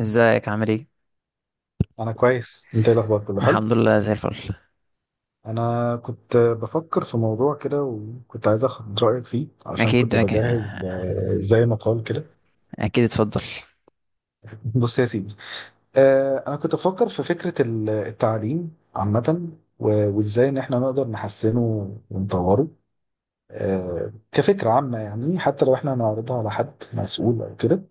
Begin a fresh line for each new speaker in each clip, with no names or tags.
ازيك عامل ايه؟
انا كويس، انت ايه الاخبار؟ كله حلو.
الحمد لله زي الفل.
انا كنت بفكر في موضوع كده وكنت عايز اخد رايك فيه عشان
اكيد
كنت
اكيد,
بجهز زي مقال كده.
أكيد اتفضل.
بص يا سيدي. انا كنت بفكر في فكره التعليم عامه، وازاي ان احنا نقدر نحسنه ونطوره. كفكره عامه، يعني حتى لو احنا هنعرضها على حد مسؤول او كده.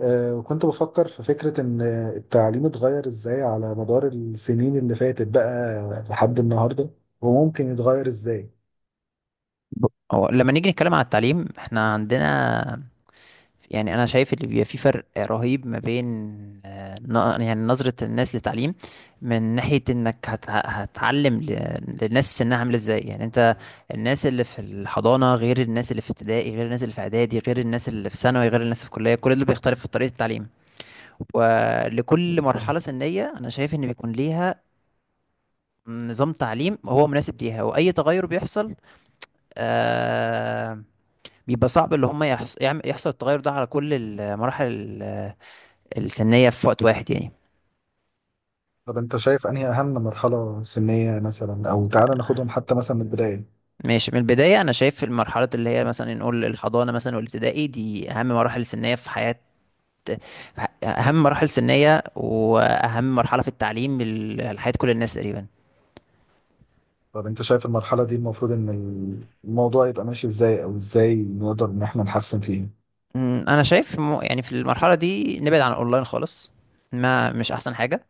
وكنت بفكر في فكرة إن التعليم اتغير إزاي على مدار السنين اللي فاتت بقى لحد النهاردة، وممكن يتغير إزاي.
ب- هو لما نيجي نتكلم عن التعليم احنا عندنا، يعني انا شايف اللي بيبقى في فرق رهيب ما بين يعني نظرة الناس للتعليم، من ناحية انك هتعلم للناس سنها عامل ازاي. يعني انت الناس اللي في الحضانة غير الناس اللي في ابتدائي غير الناس اللي في اعدادي غير الناس اللي في ثانوي غير الناس في كلية، كل دول بيختلف في طريقة التعليم. ولكل مرحلة سنية انا شايف ان بيكون ليها نظام تعليم هو مناسب ليها، واي تغير بيحصل آه بيبقى صعب، اللي هم يحصل التغير ده على كل المراحل ال- السنية في وقت واحد يعني.
طب أنت شايف أنهي أهم مرحلة سنية مثلا؟ أو تعالى ناخدهم حتى مثلا من البداية.
ماشي، من البداية أنا شايف المرحلة اللي هي مثلا نقول الحضانة مثلا والابتدائي، دي أهم مراحل سنية في حياة، في أهم مراحل سنية وأهم مرحلة في التعليم لحياة كل الناس تقريبا.
طب أنت شايف المرحلة دي المفروض إن الموضوع يبقى ماشي إزاي؟ أو إزاي نقدر إن إحنا نحسن فيه؟
أنا شايف يعني في المرحلة دي نبعد عن الأونلاين خالص، ما مش أحسن حاجة.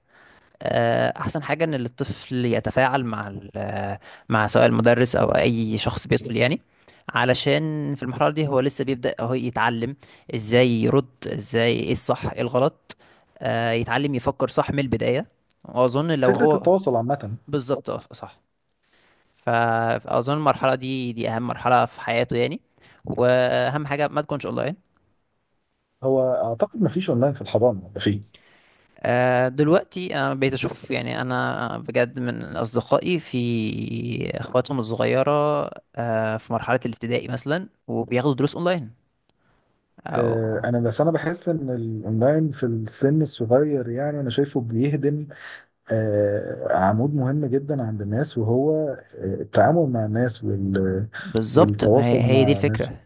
احسن حاجه ان الطفل يتفاعل مع مع سواء المدرس او اي شخص بيدخل يعني، علشان في المرحله دي هو لسه بيبدا هو يتعلم ازاي يرد، ازاي ايه الصح ايه الغلط. يتعلم يفكر صح من البدايه، واظن لو صح
فكرة
هو.
التواصل عامة.
بالظبط صح. ف- فاظن المرحله دي دي اهم مرحله في حياته يعني، واهم حاجه ما تكونش اونلاين.
هو أعتقد مفيش أونلاين في الحضانة، ده فيه.
دلوقتي انا بقيت اشوف يعني انا بجد من اصدقائي في اخواتهم الصغيره، في مرحله الابتدائي مثلا وبياخدوا دروس اونلاين او.
أنا بس أنا بحس إن الأونلاين في السن الصغير، يعني أنا شايفه بيهدم عمود مهم جدا عند الناس، وهو التعامل مع الناس وال...
بالظبط، ما هي
والتواصل
هي دي
مع الناس.
الفكره،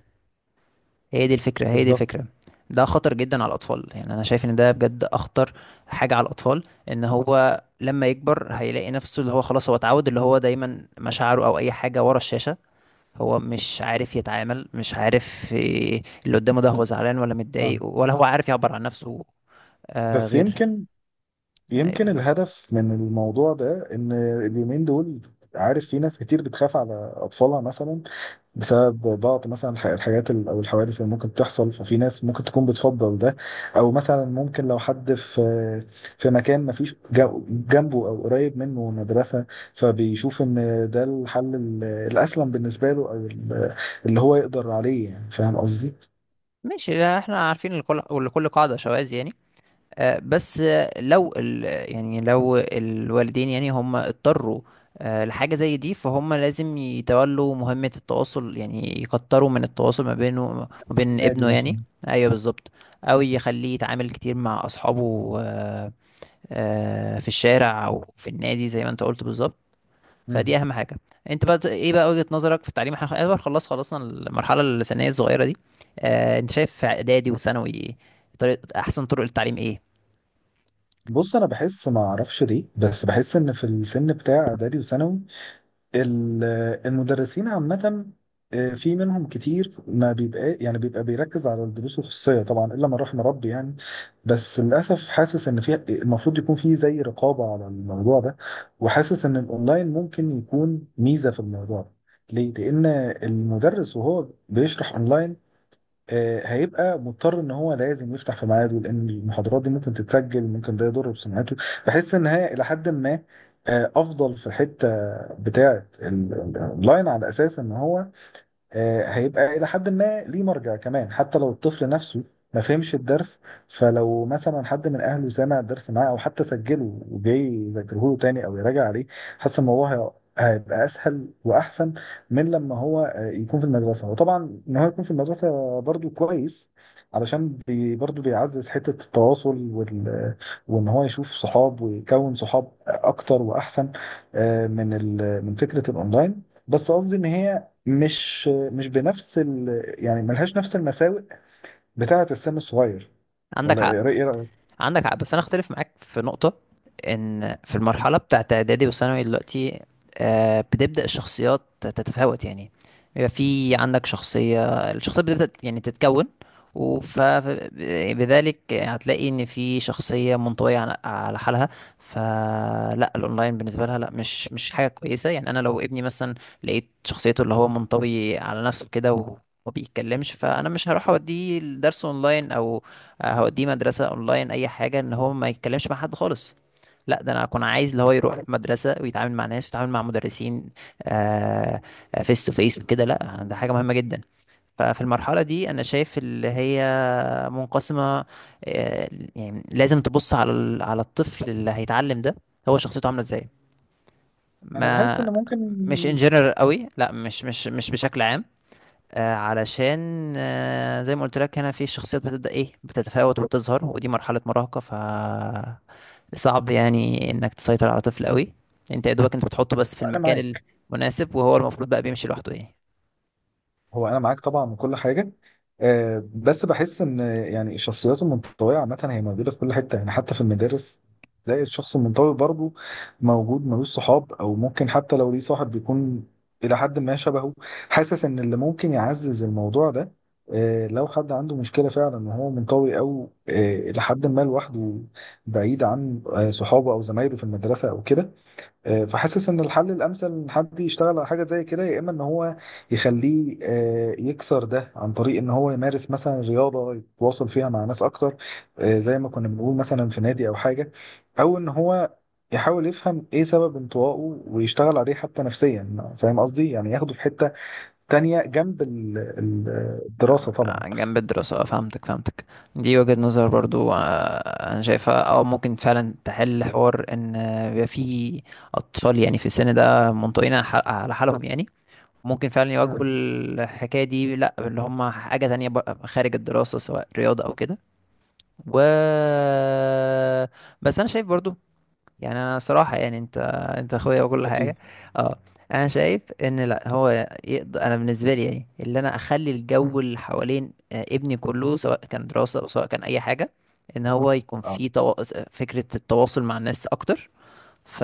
هي دي الفكره، هي دي
بالظبط.
الفكره. ده خطر جدا على الاطفال، يعني انا شايف ان ده بجد اخطر حاجه على الاطفال. ان هو لما يكبر هيلاقي نفسه اللي هو خلاص هو اتعود اللي هو دايما مشاعره او اي حاجه ورا الشاشه، هو مش عارف يتعامل، مش عارف إيه اللي قدامه، ده هو زعلان ولا
آه.
متضايق ولا هو عارف يعبر عن نفسه. آه
بس
غير.
يمكن
أيوة.
الهدف من الموضوع ده ان اليومين دول، عارف، في ناس كتير بتخاف على اطفالها مثلا بسبب بعض مثلا الحاجات او الحوادث اللي ممكن تحصل. ففي ناس ممكن تكون بتفضل ده، او مثلا ممكن لو حد في في مكان ما فيش جنبه او قريب منه مدرسة، فبيشوف ان ده الحل الاسلم بالنسبة له، او اللي هو يقدر عليه، يعني فاهم قصدي.
ماشي. لا، احنا عارفين لكل ولكل قاعدة شواذ يعني. آه بس آه، لو يعني لو الوالدين يعني هم اضطروا لحاجة زي دي، فهم لازم يتولوا مهمة التواصل، يعني يكتروا من التواصل ما بينه ما بين
نادي
ابنه
مثلا.
يعني. ايوه بالظبط، او يخليه يتعامل كتير مع اصحابه. في الشارع او في النادي زي ما انت قلت بالظبط، فدي
مم.
اهم حاجه. انت بقى ايه بقى وجهة نظرك في التعليم؟ احنا خلاص خلاص خلصنا المرحله الثانويه الصغيره دي، انت شايف في اعدادي وثانوي طريقه احسن طرق للتعليم ايه؟
بص انا بحس، ما اعرفش ليه، بس بحس ان في السن بتاع اعدادي وثانوي ال- المدرسين عامة، في منهم كتير ما بيبقى، يعني بيبقى بيركز على الدروس الخصوصية طبعا، إلا من رحم ربي يعني. بس للأسف حاسس إن في المفروض يكون في زي رقابة على الموضوع ده، وحاسس إن الأونلاين ممكن يكون ميزة في الموضوع ده. ليه؟ لأن المدرس وهو بيشرح أونلاين، هيبقى مضطر ان هو لازم يفتح في ميعاده، لان المحاضرات دي ممكن تتسجل، ممكن ده يضر بسمعته. بحس ان هي الى حد ما افضل في الحته بتاعه اللاين، على اساس ان هو هيبقى إلى حد ما ليه مرجع كمان، حتى لو الطفل نفسه ما فهمش الدرس. فلو مثلا حد من أهله سمع الدرس معاه أو حتى سجله وجاي يذاكره له تاني أو يراجع عليه، حاسس إن هو هيبقى أسهل وأحسن من لما هو يكون في المدرسة. وطبعا إن هو يكون في المدرسة برضو كويس، علشان بي برضو بيعزز حتة التواصل وال... وإن هو يشوف صحاب ويكون صحاب أكتر وأحسن من ال... من فكرة الأونلاين. بس قصدي ان هي مش بنفس ال... يعني ملهاش نفس المساوئ بتاعة السن الصغير.
عندك
ولا
حق.
ايه رأيك؟
عندك حق بس انا اختلف معاك في نقطة. ان في المرحلة بتاعت اعدادي وثانوي دلوقتي بتبدأ الشخصيات تتفاوت يعني، بيبقى في عندك شخصية، الشخصية بتبدأ يعني تتكون، وبذلك هتلاقي ان في شخصية منطوية على على حالها، فلا الاونلاين بالنسبة لها لا مش حاجة كويسة يعني. انا لو ابني مثلا لقيت شخصيته اللي هو منطوي على نفسه كده وما بيتكلمش، فانا مش هروح اوديه الدرس اونلاين او هوديه مدرسة اونلاين، اي حاجة ان هو ما يتكلمش مع حد خالص. لا، ده انا اكون عايز اللي هو يروح مدرسة ويتعامل مع ناس ويتعامل مع مدرسين فيس تو فيس وكده، لا ده حاجة مهمة جدا. ففي المرحلة دي انا شايف اللي هي منقسمة. آه، يعني لازم تبص على على الطفل اللي هيتعلم ده هو شخصيته عاملة ازاي،
انا بحس
ما
ان ممكن.
مش ان جنرال قوي، لا، مش بشكل عام، علشان زي ما قلت لك هنا في شخصيات بتبدأ ايه، بتتفاوت وبتظهر، ودي مرحلة مراهقة، ف صعب يعني انك تسيطر على طفل قوي، انت يا دوبك انت بتحطه بس في
انا
المكان
معاك.
المناسب وهو المفروض بقى بيمشي لوحده يعني.
هو انا معاك طبعا من كل حاجه. بس بحس ان يعني الشخصيات المنطويه عامه هي موجوده في كل حته، يعني حتى في المدارس تلاقي الشخص المنطوي برضه موجود، ملوش صحاب، او ممكن حتى لو ليه صاحب بيكون الى حد ما شبهه. حاسس ان اللي ممكن يعزز الموضوع ده، لو حد عنده مشكله فعلا ان هو منطوي او الى حد ما لوحده، بعيد عن صحابه او زمايله في المدرسه او كده، فحاسس ان الحل الامثل ان حد يشتغل على حاجه زي كده، يا اما ان هو يخليه يكسر ده عن طريق ان هو يمارس مثلا رياضه يتواصل فيها مع ناس اكتر، زي ما كنا بنقول مثلا في نادي او حاجه، او ان هو يحاول يفهم ايه سبب انطوائه ويشتغل عليه حتى نفسيا، فاهم قصدي، يعني ياخده في حته تانية جنب الدراسه طبعا.
جنب الدراسة. فهمتك فهمتك، دي وجهة نظر برضو. انا شايفها اه ممكن فعلا تحل حوار ان بيبقى في اطفال يعني في السن ده منطويين على حالهم يعني، ممكن فعلا يواجهوا
مم.
الحكاية دي لأ اللي هم حاجة تانية بقى خارج الدراسة سواء رياضة أو كده. و بس أنا شايف برضو، يعني أنا صراحة يعني أنت أخويا وكل
بقول
حاجة،
اكيد.
أه أنا شايف إن لأ هو يقدر، أنا بالنسبة لي يعني اللي أنا أخلي الجو اللي حوالين ابني كله سواء كان دراسة أو سواء كان أي حاجة إن هو يكون
اه
في فكرة التواصل مع الناس أكتر. ف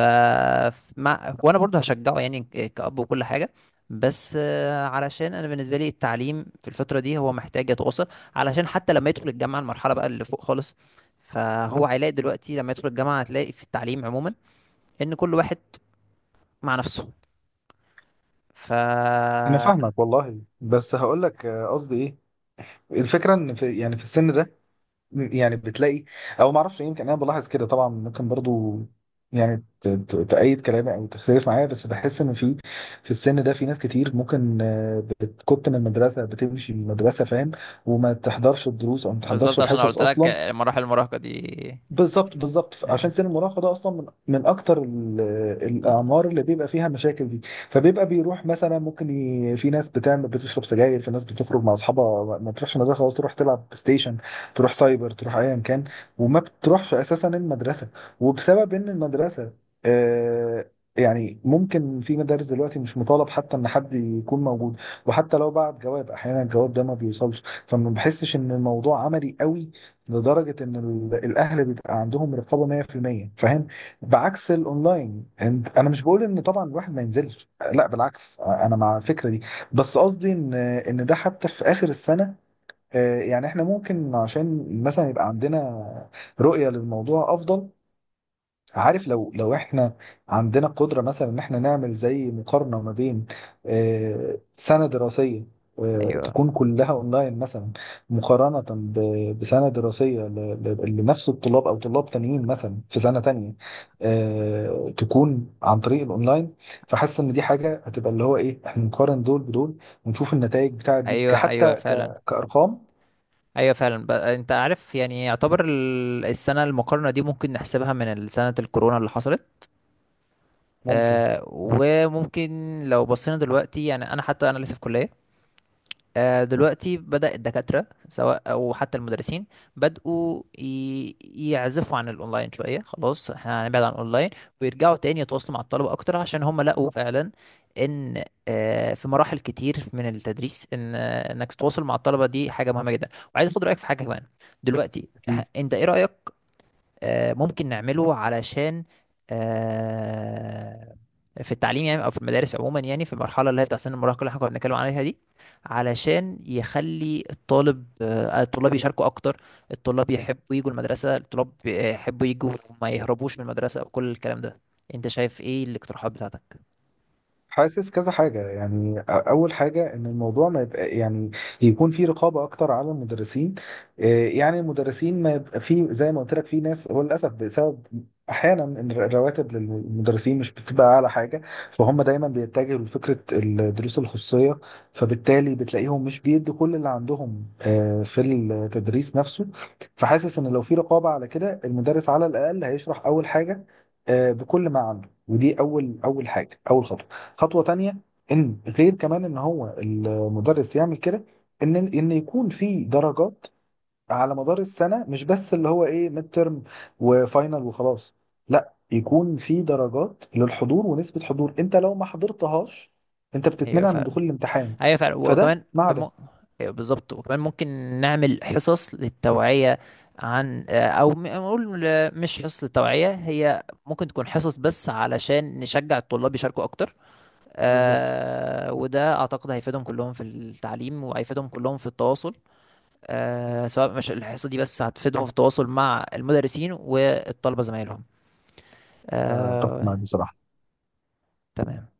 مع وانا برضه هشجعه يعني كأب وكل حاجة، بس علشان انا بالنسبة لي التعليم في الفترة دي هو محتاج يتواصل، علشان حتى لما يدخل الجامعة المرحلة بقى اللي فوق خالص، فهو هيلاقي دلوقتي لما يدخل الجامعة هتلاقي في التعليم عموما ان كل واحد مع نفسه. ف
انا فاهمك والله، بس هقول لك قصدي ايه. الفكره ان في، يعني في السن ده، يعني بتلاقي، او ما اعرفش، يمكن انا بلاحظ كده، طبعا ممكن برضو يعني تأيد كلامي او تختلف معايا، بس بحس ان في في السن ده في ناس كتير ممكن تكت من المدرسه، بتمشي من المدرسه، فاهم، وما تحضرش الدروس او ما تحضرش
بالظبط، عشان أنا
الحصص
قلت لك
اصلا.
مراحل المراهقة دي.
بالظبط بالظبط، عشان
آه.
سن المراهقه ده اصلا من اكتر
آه.
الاعمار اللي بيبقى فيها المشاكل دي. فبيبقى بيروح مثلا، ممكن ي... في ناس بتعمل، بتشرب سجاير، في ناس بتخرج مع اصحابها، ما ما تروحش مدرسه، خلاص تروح تلعب بلاي ستيشن، تروح سايبر، تروح ايا كان، وما بتروحش اساسا المدرسه. وبسبب ان المدرسه آه، يعني ممكن في مدارس دلوقتي مش مطالب حتى ان حد يكون موجود، وحتى لو بعت جواب، احيانا الجواب ده ما بيوصلش، فما بحسش ان الموضوع عملي قوي لدرجة إن الأهل بيبقى عندهم رقابة 100% فاهم؟ بعكس الأونلاين أنا مش بقول إن طبعا الواحد ما ينزلش، لا بالعكس أنا مع الفكرة دي. بس قصدي إن ده حتى في آخر السنة، يعني إحنا ممكن عشان مثلا يبقى عندنا رؤية للموضوع أفضل. عارف، لو احنا عندنا قدرة مثلا ان احنا نعمل زي مقارنة ما بين سنة دراسية
ايوه.
تكون كلها اونلاين مثلا، مقارنة بسنة دراسية لنفس الطلاب او طلاب تانيين مثلا في سنة تانية تكون عن طريق الاونلاين. فحاسس ان دي حاجة هتبقى اللي هو ايه، احنا نقارن دول بدول ونشوف النتائج بتاعت دي
ايوه.
كحتى
ايوه فعلا.
كأرقام.
ايوه فعلا. انت عارف يعني، يعتبر السنه المقارنه دي ممكن نحسبها من سنه الكورونا اللي حصلت.
ممكن.
آه، وممكن لو بصينا دلوقتي، يعني انا حتى انا لسه في كلية. آه دلوقتي بدأ الدكاترة سواء او حتى المدرسين بدأوا يعزفوا عن الاونلاين شوية، خلاص احنا هنبعد عن الاونلاين ويرجعوا تاني يتواصلوا مع الطلبة اكتر، عشان هم لقوا فعلا ان آه في مراحل كتير من التدريس ان آه انك تتواصل مع الطلبة دي حاجة مهمة جدا. وعايز اخد رأيك في حاجة كمان. دلوقتي
أكيد.
انت ايه رأيك، ممكن نعمله علشان آه، في التعليم يعني او في المدارس عموما، يعني في المرحله اللي هي بتاع سن المراهقه اللي احنا كنا بنتكلم عليها دي، علشان يخلي الطالب الطلاب يشاركوا اكتر، الطلاب يحبوا يجوا المدرسه، الطلاب يحبوا يجوا وما يهربوش من المدرسه وكل الكلام ده. انت شايف ايه الاقتراحات بتاعتك؟
حاسس كذا حاجة، يعني أول حاجة إن الموضوع ما يبقى، يعني يكون في رقابة أكتر على المدرسين. إيه، يعني المدرسين ما يبقى في، زي ما قلت لك في ناس هو للأسف بسبب أحيانا إن الرواتب للمدرسين مش بتبقى أعلى حاجة، فهم دايما بيتجهوا لفكرة الدروس الخصوصية، فبالتالي بتلاقيهم مش بيدوا كل اللي عندهم في التدريس نفسه. فحاسس إن لو في رقابة على كده، المدرس على الأقل هيشرح أول حاجة بكل ما عنده، ودي أول حاجة، أول خطوة. خطوة تانية ان غير كمان ان هو المدرس يعمل كده، ان يكون في درجات على مدار السنة، مش بس اللي هو ايه ميد ترم وفاينل وخلاص. لا يكون في درجات للحضور ونسبة حضور، انت لو ما حضرتهاش انت
ايوه
بتتمنع من
فعلا.
دخول الامتحان.
ايوه فعلا،
فده
وكمان
مع
كمان
ده.
أيوة بالظبط، وكمان ممكن نعمل حصص للتوعية عن او نقول آه، مش حصص للتوعية، هي ممكن تكون حصص بس علشان نشجع الطلاب يشاركوا اكتر،
بالظبط.
وده اعتقد هيفيدهم كلهم في التعليم وهيفيدهم كلهم في التواصل. سواء مش الحصة دي بس هتفيدهم في التواصل مع المدرسين والطلبة زمايلهم.
اتفق
آه.
معاك بصراحة.
تمام.